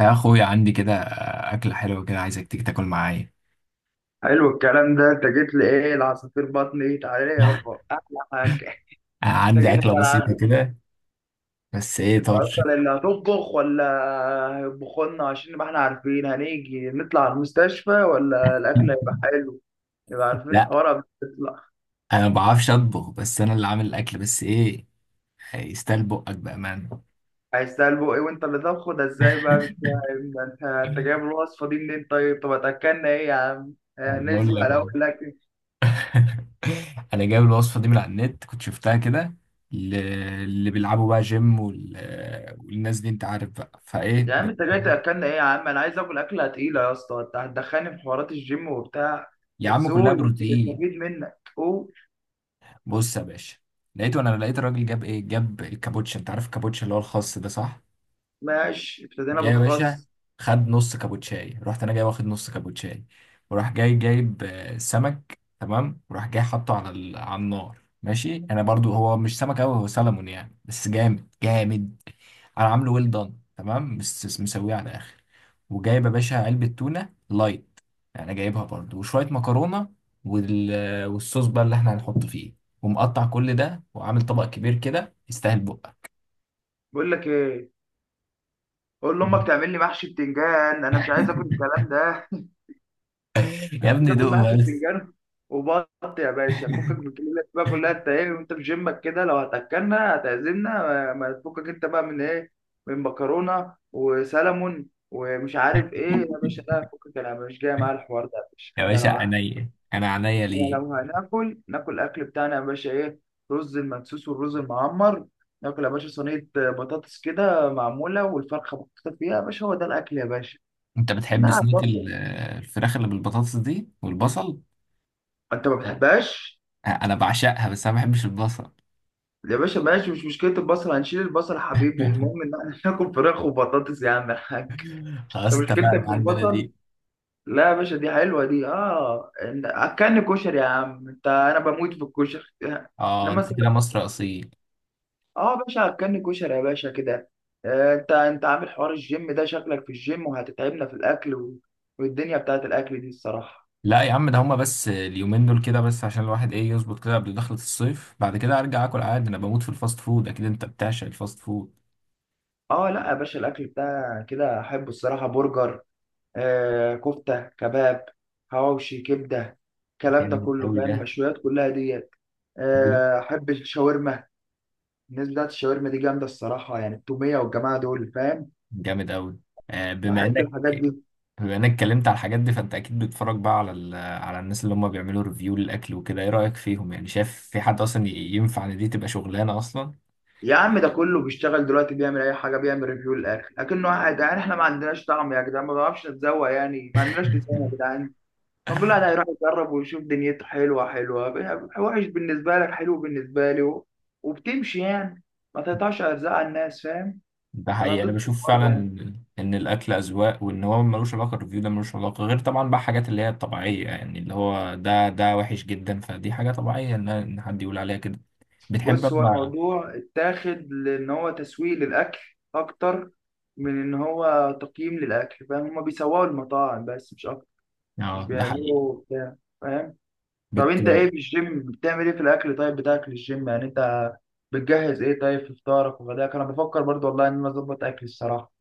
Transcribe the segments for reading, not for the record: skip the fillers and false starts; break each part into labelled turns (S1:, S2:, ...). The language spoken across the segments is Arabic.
S1: يا اخويا عندي كده، اكله حلوه كده، عايزك تيجي تاكل معايا.
S2: حلو الكلام ده، انت جيت لي ايه؟ العصافير بطني. تعالى يابا احلى حاجه. انت
S1: عندي
S2: جيت لي
S1: اكله بسيطه
S2: ملعبي.
S1: كده، بس ايه
S2: انت
S1: طرش.
S2: اصلا اللي هتطبخ ولا هيطبخوا لنا عشان نبقى احنا عارفين هنيجي نطلع على المستشفى ولا الاكل هيبقى حلو. نبقى عارفين
S1: لا،
S2: الحوار قبل ما نطلع.
S1: انا ما بعرفش اطبخ، بس انا اللي عامل الاكل، بس ايه، يستاهل بقك بامانه.
S2: عايز تلبق ايه وانت اللي طبخه ده؟ ازاي بقى؟ مش فاهم. ده انت جايب الوصفه دي منين؟ طيب طب هتاكلنا ايه يا عم؟
S1: أنا بقول
S2: نسمع
S1: لك
S2: الاول
S1: اهو.
S2: الاكل.
S1: انا جايب الوصفه دي من على النت، كنت شفتها كده. ل- اللي بيلعبوا بقى جيم والناس دي، انت عارف بقى فايه
S2: يا عم انت جاي تاكلنا ايه يا عم؟ انا عايز اكل اكله تقيله يا اسطى. انت هتدخلني في حوارات الجيم وبتاع؟
S1: يا
S2: بس
S1: عم كلها
S2: قول، يمكن
S1: بروتين.
S2: نستفيد منك، قول.
S1: بص يا باشا، وانا لقيت الراجل جاب ايه، جاب الكابوتشا، انت عارف الكابوتشا اللي هو الخاص ده، صح؟
S2: ماشي، ابتدينا
S1: جاي يا باشا،
S2: بالخس.
S1: خد نص كابوتشاي، رحت انا جاي واخد نص كابوتشاي، وراح جاي جايب سمك، تمام، وراح جاي حاطه على النار. ماشي، انا برضو هو مش سمك قوي، هو سلمون يعني، بس جامد جامد. انا عامله ويل دان تمام، بس مسويه على الاخر. وجايب يا باشا علبه تونه لايت، يعني جايبها برضو، وشويه مكرونه. والصوص بقى اللي احنا هنحط فيه، ومقطع كل ده، وعامل طبق كبير كده، يستاهل بقى.
S2: بقول لك ايه، قول لامك تعمل لي محشي بتنجان، انا مش عايز اكل الكلام ده.
S1: يا
S2: انا
S1: ابني
S2: عايز اكل
S1: دوقه
S2: محشي
S1: بس.
S2: بتنجان وبط يا باشا. فكك من الكلمه اللي بقى كلها انت ايه وانت في جيمك كده. لو هتاكلنا هتعزمنا، ما تفكك انت بقى من ايه؟ من مكرونه وسلمون ومش عارف ايه يا باشا. لا فكك، انا مش جاي معايا الحوار ده يا باشا.
S1: يا
S2: انت
S1: باشا
S2: لو،
S1: عينيا، انا عينيا
S2: يعني
S1: ليه.
S2: لو هناكل، ناكل الاكل بتاعنا يا باشا. ايه؟ رز المدسوس والرز المعمر. ناكل يا باشا صينيه بطاطس كده معموله والفرخه محطوطه فيها يا باشا. هو ده الاكل يا باشا.
S1: انت بتحب
S2: نعم
S1: صينيه
S2: برضه.
S1: الفراخ اللي بالبطاطس دي والبصل؟
S2: انت ما بتحبهاش؟
S1: انا بعشقها، بس انا ما بحبش البصل.
S2: يا باشا ماشي، مش مشكله البصل، هنشيل البصل يا حبيبي. المهم ان احنا ناكل فراخ وبطاطس يا عم الحاج.
S1: خلاص
S2: انت
S1: اتفقنا
S2: مشكلتك في
S1: عندنا
S2: البصل.
S1: دي.
S2: لا يا باشا دي حلوه دي. اه اكلني كشري يا عم انت، انا بموت في الكشري.
S1: اه،
S2: انما
S1: انت كده مصر اصيل.
S2: اه يا باشا هتكني كشري يا باشا كده. انت عامل حوار الجيم ده، شكلك في الجيم وهتتعبنا في الاكل و... والدنيا بتاعت الاكل دي الصراحه.
S1: لا يا عم، ده هما بس اليومين دول كده، بس عشان الواحد ايه، يظبط كده قبل دخلة الصيف، بعد كده ارجع اكل عادي. انا بموت في الفاست فود. اكيد انت بتعشق الفاست فود.
S2: اه لا يا باشا، الاكل بتاع كده احبه الصراحه. برجر، آه كفته، كباب، حواوشي، كبده، الكلام ده
S1: جامد
S2: كله
S1: قوي
S2: فاهم.
S1: ده،
S2: المشويات كلها ديت. احب الشاورما، الناس بتاعت الشاورما دي جامده الصراحه. يعني التوميه والجماعه دول فاهم.
S1: جامد قوي. بما
S2: بحب
S1: انك
S2: الحاجات دي.
S1: بما انك اتكلمت على الحاجات دي، فانت اكيد بتتفرج بقى على على الناس اللي هم بيعملوا ريفيو للاكل وكده، ايه رايك فيهم؟ يعني شايف في حد اصلا ينفع ان دي تبقى شغلانه اصلا؟
S2: يا عم ده كله بيشتغل دلوقتي، بيعمل اي حاجه، بيعمل ريفيو للاخر. لكنه واحد يعني، احنا ما عندناش طعم يا جدعان، ما بنعرفش نتذوق، يعني ما عندناش لسان يا جدعان. ما كل واحد هيروح يجرب ويشوف، دنيته حلوه حلوه، وحش بالنسبه لك حلو بالنسبه لي، و... وبتمشي يعني. ما تقطعش ارزاق على الناس، فاهم.
S1: ده
S2: انا
S1: حقيقي، انا
S2: ضد
S1: بشوف
S2: الحوار
S1: فعلا
S2: ده يعني.
S1: ان الاكل اذواق، وان هو ملوش علاقه، الريفيو ده ملوش علاقه غير طبعا بقى حاجات اللي هي الطبيعيه، يعني اللي هو ده وحش جدا، فدي حاجه طبيعيه ان حد يقول عليها كده. بتحب
S2: بص، هو
S1: اما،
S2: الموضوع اتاخد لان هو تسويق للاكل اكتر من ان هو تقييم للاكل، فاهم. هما بيسوقوا المطاعم بس، مش اكتر. مش
S1: اه ده حقيقي.
S2: بيعملوا بتاع، فاهم. طب
S1: بت...
S2: انت ايه في الجيم، بتعمل ايه في الاكل طيب بتاعك للجيم، يعني انت بتجهز ايه طيب في فطارك وغداك؟ انا بفكر برضو والله ان انا اظبط اكلي الصراحه.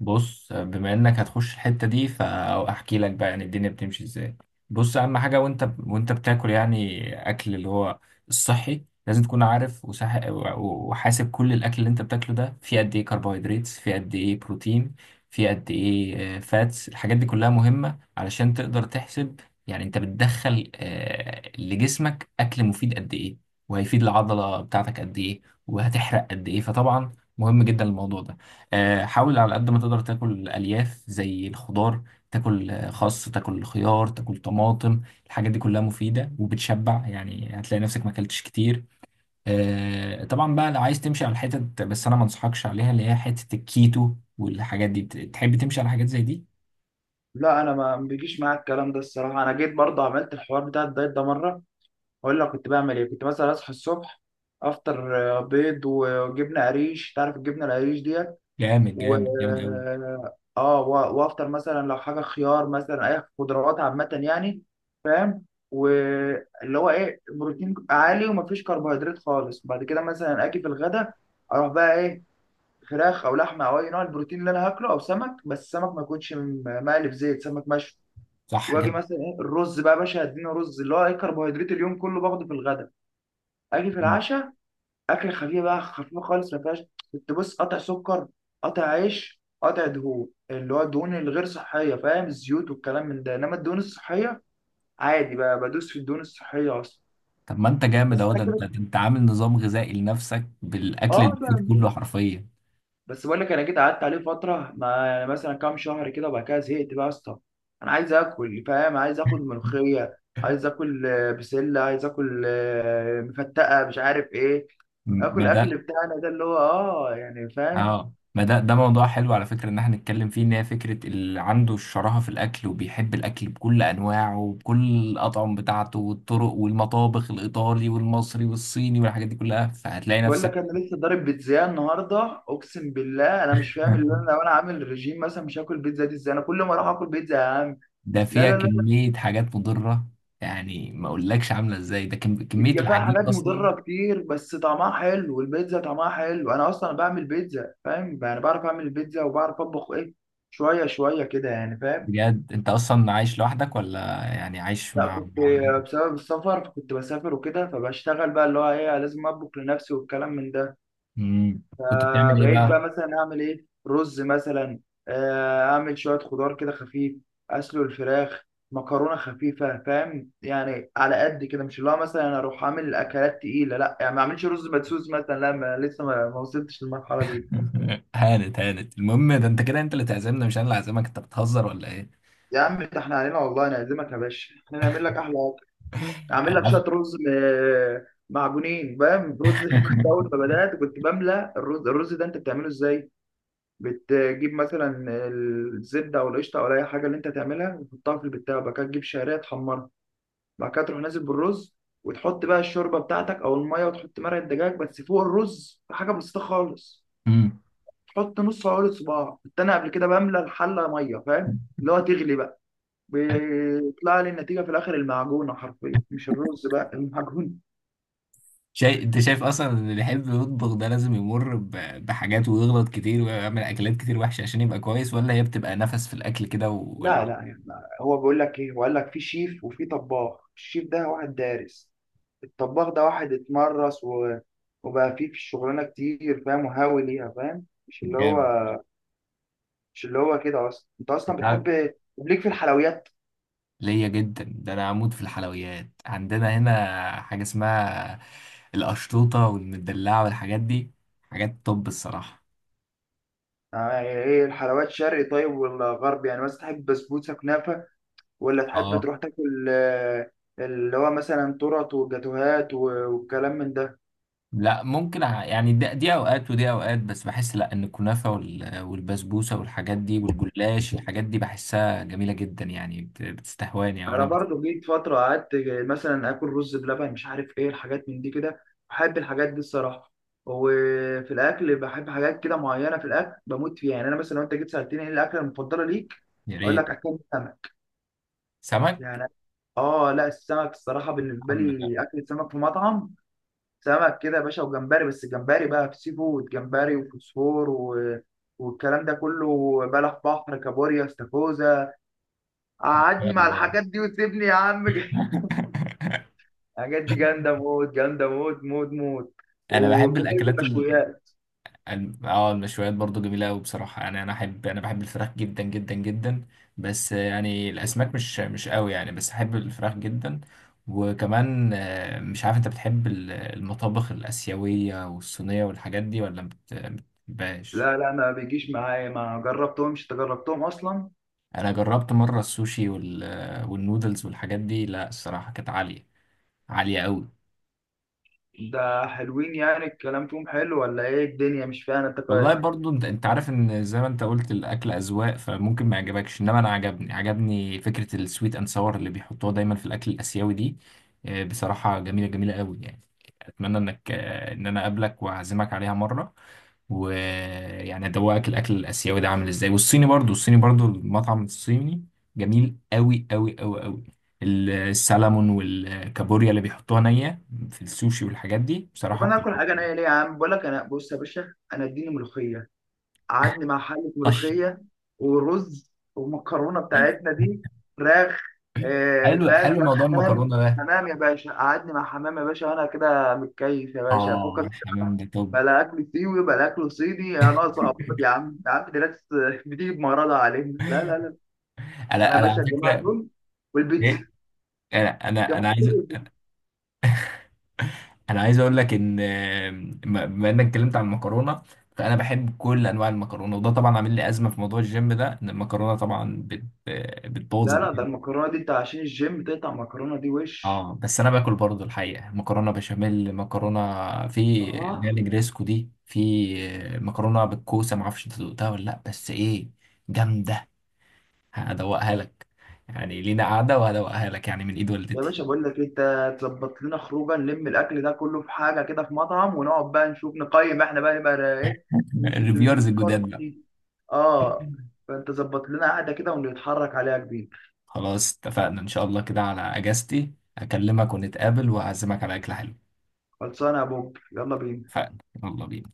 S1: بص، بما انك هتخش الحتة دي فاحكي لك بقى يعني الدنيا بتمشي ازاي. بص، اهم حاجة وانت بتاكل يعني اكل اللي هو الصحي لازم تكون عارف، وصح، وحاسب كل الاكل اللي انت بتاكله ده، فيه قد ايه كربوهيدرات، فيه قد ايه بروتين، فيه قد ايه فاتس. الحاجات دي كلها مهمة علشان تقدر تحسب، يعني انت بتدخل لجسمك اكل مفيد قد ايه، وهيفيد العضلة بتاعتك قد ايه، وهتحرق قد ايه، فطبعا مهم جدا الموضوع ده. حاول على قد ما تقدر تاكل الياف زي الخضار، تاكل خس، تاكل خيار، تاكل طماطم. الحاجات دي كلها مفيده وبتشبع، يعني هتلاقي نفسك ما اكلتش كتير. طبعا بقى لو عايز تمشي على الحتت، بس انا ما انصحكش عليها، اللي هي حته الكيتو والحاجات دي. تحب تمشي على حاجات زي دي.
S2: لا انا ما بيجيش معاك الكلام ده الصراحه. انا جيت برضو عملت الحوار بتاع الدايت ده مره. اقول لك كنت بعمل ايه؟ كنت مثلا اصحى الصبح، افطر بيض وجبنه قريش، تعرف الجبنه القريش دي؟
S1: جامد
S2: و،
S1: جامد جامد قوي.
S2: اه، وافطر مثلا لو حاجه خيار مثلا، اي خضروات عامه يعني، فاهم؟ واللي هو ايه، بروتين عالي ومفيش كربوهيدرات خالص. بعد كده مثلا اجي في الغدا، اروح بقى ايه؟ فراخ او لحمه او اي نوع البروتين اللي انا هاكله، او سمك، بس سمك ما يكونش مقلي في زيت، سمك مشوي.
S1: صح
S2: واجي
S1: كده.
S2: مثلا ايه الرز بقى يا باشا، هديني رز، اللي هو ايه، كربوهيدرات اليوم كله باخده في الغدا. اجي في
S1: مم.
S2: العشاء اكل خفيف بقى، خفيف خالص ما فيهاش. كنت بص قطع سكر، قطع عيش، قطع دهون، اللي هو الدهون الغير صحيه فاهم، الزيوت والكلام من ده، انما الدهون الصحيه عادي بقى، بدوس في الدهون الصحيه اصلا.
S1: طب ما انت جامد
S2: بس
S1: اهو، ده
S2: انا
S1: انت
S2: كده.
S1: انت عامل نظام غذائي لنفسك بالاكل
S2: اه
S1: المفيد
S2: بقى،
S1: كله حرفيا.
S2: بس بقول لك انا جيت قعدت عليه فتره، ما يعني مثلا كام شهر كده، وبعد كده زهقت بقى يا اسطى. انا عايز اكل فاهم، عايز اكل ملوخيه، عايز اكل بسله، عايز اكل مفتقه، مش عارف ايه. اكل
S1: ما
S2: اكل
S1: ده،
S2: بتاعنا ده اللي هو اه يعني، فاهم.
S1: اه، ما ده ده موضوع حلو على فكرة ان احنا نتكلم فيه، ان هي فكرة اللي عنده الشراهة في الاكل، وبيحب الاكل بكل انواعه وبكل الاطعم بتاعته والطرق، والمطابخ الايطالي والمصري والصيني والحاجات دي كلها، فهتلاقي
S2: بقول
S1: نفسك.
S2: لك انا لسه ضارب بيتزا النهارده اقسم بالله. انا مش فاهم، اللي انا لو انا عامل ريجيم مثلا مش هاكل بيتزا دي ازاي؟ انا كل ما اروح اكل بيتزا يا عم.
S1: ده
S2: لا
S1: فيها
S2: لا لا،
S1: كمية حاجات مضرة، يعني ما اقولكش عاملة ازاي ده كمية
S2: هي فيها
S1: العجين
S2: حاجات
S1: اصلا.
S2: مضره كتير بس طعمها حلو، والبيتزا طعمها حلو. انا اصلا بعمل بيتزا، فاهم يعني، بعرف اعمل البيتزا وبعرف اطبخ ايه، شويه شويه كده يعني، فاهم.
S1: بجد انت اصلا عايش لوحدك، ولا يعني عايش
S2: لا،
S1: مع
S2: كنت
S1: مع ولادك؟
S2: بسبب السفر، كنت بسافر وكده، فبشتغل بقى اللي هو ايه، لازم اطبخ لنفسي والكلام من ده.
S1: امم. كنت
S2: آه
S1: بتعمل ايه
S2: بقيت
S1: بقى؟
S2: بقى مثلا اعمل ايه، رز مثلا، آه اعمل شويه خضار كده خفيف، اسلق الفراخ، مكرونه خفيفه، فاهم يعني، على قد كده، مش اللي هو مثلا أنا اروح اعمل اكلات تقيله لا، يعني ما اعملش رز مدسوس مثلا لا، ما لسه ما وصلتش للمرحله دي.
S1: هانت هانت، المهم ده انت كده، انت اللي تعزمنا مش انا اللي اعزمك. انت بتهزر ولا ايه؟
S2: يا عم ده احنا علينا والله نعزمك يا باشا، احنا نعمل لك احلى اكل. اعمل لك شويه
S1: عارف-
S2: رز معجونين، فاهم، رز. كنت اول ما بدات كنت بملى الرز. الرز ده انت بتعمله ازاي؟ بتجيب مثلا الزبده او القشطه او اي حاجه اللي انت تعملها، وتحطها في البتاع. بعد كده تجيب شعريه تحمرها، بعد كده تروح نازل بالرز، وتحط بقى الشوربه بتاعتك او الميه، وتحط مرقه دجاج بس فوق الرز حاجه بسيطه خالص،
S1: مم.
S2: تحط نص عقله صباع. كنت انا قبل كده بملى الحله ميه فاهم، اللي هو تغلي بقى، بيطلع لي النتيجه في الاخر المعجونه حرفيا، مش الرز بقى، المعجون.
S1: شايف، انت شايف اصلا ان اللي يحب يطبخ ده لازم يمر بحاجات، ويغلط كتير ويعمل اكلات كتير وحشه عشان يبقى كويس، ولا هي بتبقى نفس في الاكل كده
S2: لا لا يعني، هو بيقول لك ايه، هو قال لك في شيف وفي طباخ. الشيف ده واحد دارس، الطباخ ده واحد اتمرس و... وبقى فيه في الشغلانه كتير فاهم، وهاوي ليها فاهم، مش اللي هو،
S1: جامد.
S2: مش اللي هو كده اصلا. انت اصلا
S1: انت عارف-
S2: بتحب ليك في الحلويات؟
S1: ليا جدا، ده انا عمود في الحلويات، عندنا هنا حاجه اسمها القشطوطه والمدلعه والحاجات دي، حاجات طب الصراحه.
S2: يعني ايه الحلويات، شرقي طيب ولا غربي؟ يعني مثلا تحب بسبوسه، كنافه، ولا تحب
S1: اه،
S2: تروح تاكل اللي هو مثلا تورت وجاتوهات والكلام من ده؟
S1: لا ممكن يعني، دي اوقات ودي اوقات، بس بحس لا، ان الكنافه والبسبوسه والحاجات دي والجلاش، الحاجات دي بحسها جميله جدا، يعني بتستهواني او
S2: انا
S1: انا
S2: برضو جيت فتره قعدت مثلا اكل رز بلبن، مش عارف ايه الحاجات من دي كده. بحب الحاجات دي الصراحه. وفي الاكل بحب حاجات كده معينه، في الاكل بموت فيها. يعني انا مثلا لو انت جيت سالتني ايه الاكله المفضله ليك؟
S1: يا
S2: اقول
S1: ريت.
S2: لك اكل السمك.
S1: سمك.
S2: يعني اه لا، السمك الصراحه بالنسبه
S1: الحمد لله.
S2: لي، اكل السمك في مطعم سمك كده يا باشا، وجمبري، بس الجمبري بقى في سي فود. جمبري وفوسفور و... والكلام ده كله، بلح بحر، كابوريا، استاكوزا، قعدني مع
S1: يلا.
S2: الحاجات دي وسيبني يا عم. الحاجات دي جامده موت، جامده موت موت موت.
S1: انا بحب
S2: وكذلك
S1: الاكلات.
S2: المشويات.
S1: المشويات برضو جميلة أوي بصراحة، يعني أنا بحب الفراخ جدا جدا جدا. بس يعني الأسماك مش أوي يعني، بس أحب الفراخ جدا. وكمان مش عارف أنت بتحب المطابخ الآسيوية والصينية والحاجات دي، ولا ما بتحبهاش.
S2: لا لا ما بيجيش معايا، ما جربتهمش. انت جربتهم اصلا؟
S1: أنا جربت مرة السوشي والنودلز والحاجات دي، لا الصراحة كانت عالية، عالية أوي.
S2: ده حلوين يعني؟ الكلام فيهم حلو ولا ايه الدنيا مش فاهم انت كويس.
S1: والله برضو انت عارف ان زي ما انت قلت الاكل اذواق، فممكن ما يعجبكش، انما انا عجبني، عجبني فكره السويت اند ساور اللي بيحطوها دايما في الاكل الاسيوي دي. بصراحه جميله جميله قوي يعني. اتمنى انك ان انا اقابلك واعزمك عليها مره، ويعني ادوقك الاكل الاسيوي ده عامل ازاي، والصيني برضو، الصيني برضو المطعم الصيني جميل قوي قوي قوي قوي. السلمون والكابوريا اللي بيحطوها نيه في السوشي والحاجات دي
S2: طب
S1: بصراحه
S2: انا اكل
S1: بتبقى
S2: حاجه نيه ليه يا عم؟ بقول لك انا بص يا باشا، انا اديني ملوخيه، قعدني مع حلة
S1: طشه.
S2: ملوخية، ورز، والمكرونة بتاعتنا دي، فراخ،
S1: حلو،
S2: فاهم،
S1: حلو
S2: شوية
S1: موضوع
S2: حمام.
S1: المكرونه ده.
S2: حمام يا باشا، قعدني مع حمام يا باشا، وأنا كده متكيف يا باشا، فكك
S1: اه،
S2: إنت
S1: الحمام
S2: بقى،
S1: ده طب.
S2: بلا أكل سيوي بلا أكل صيني يا ناقصة أمراض. يا عم يا عم دي ناس بتيجي بمرضها علينا. لا لا لا، أنا
S1: انا
S2: يا
S1: انا
S2: باشا
S1: على
S2: الجماعة
S1: فكره،
S2: دول والبيتزا،
S1: ايه، انا انا
S2: الجماعة
S1: انا عايز
S2: دول والبيتزا.
S1: انا عايز اقول لك ان بما انك اتكلمت عن المكرونه، فانا بحب كل انواع المكرونه، وده طبعا عامل لي ازمه في موضوع الجيم ده، ان المكرونه طبعا بتبوظ
S2: لا لا، ده
S1: الدنيا.
S2: المكرونة دي أنت عشان الجيم تقطع المكرونة دي وش.
S1: اه، بس انا باكل برضو الحقيقه مكرونه بشاميل، مكرونه في اللي هي
S2: آه
S1: الجريسكو دي، في مكرونه بالكوسه، ما اعرفش انت دقتها ولا لا، بس ايه جامده. هدوقها لك، يعني لينا قعده وهدوقها لك، يعني من ايد
S2: يا
S1: والدتي.
S2: باشا بقول لك إيه، انت تظبط لنا خروجه، نلم الاكل ده كله في حاجه كده في مطعم، ونقعد بقى نشوف، نقيم احنا بقى نبقى ايه.
S1: الريفيورز الجداد بقى.
S2: اه. فانت ظبط لنا قعده كده ونتحرك عليها كبير.
S1: خلاص اتفقنا، ان شاء الله كده على اجازتي اكلمك ونتقابل، واعزمك على اكل حلو.
S2: خلصانه يا بوب، يلا بينا.
S1: اتفقنا. يلا بينا.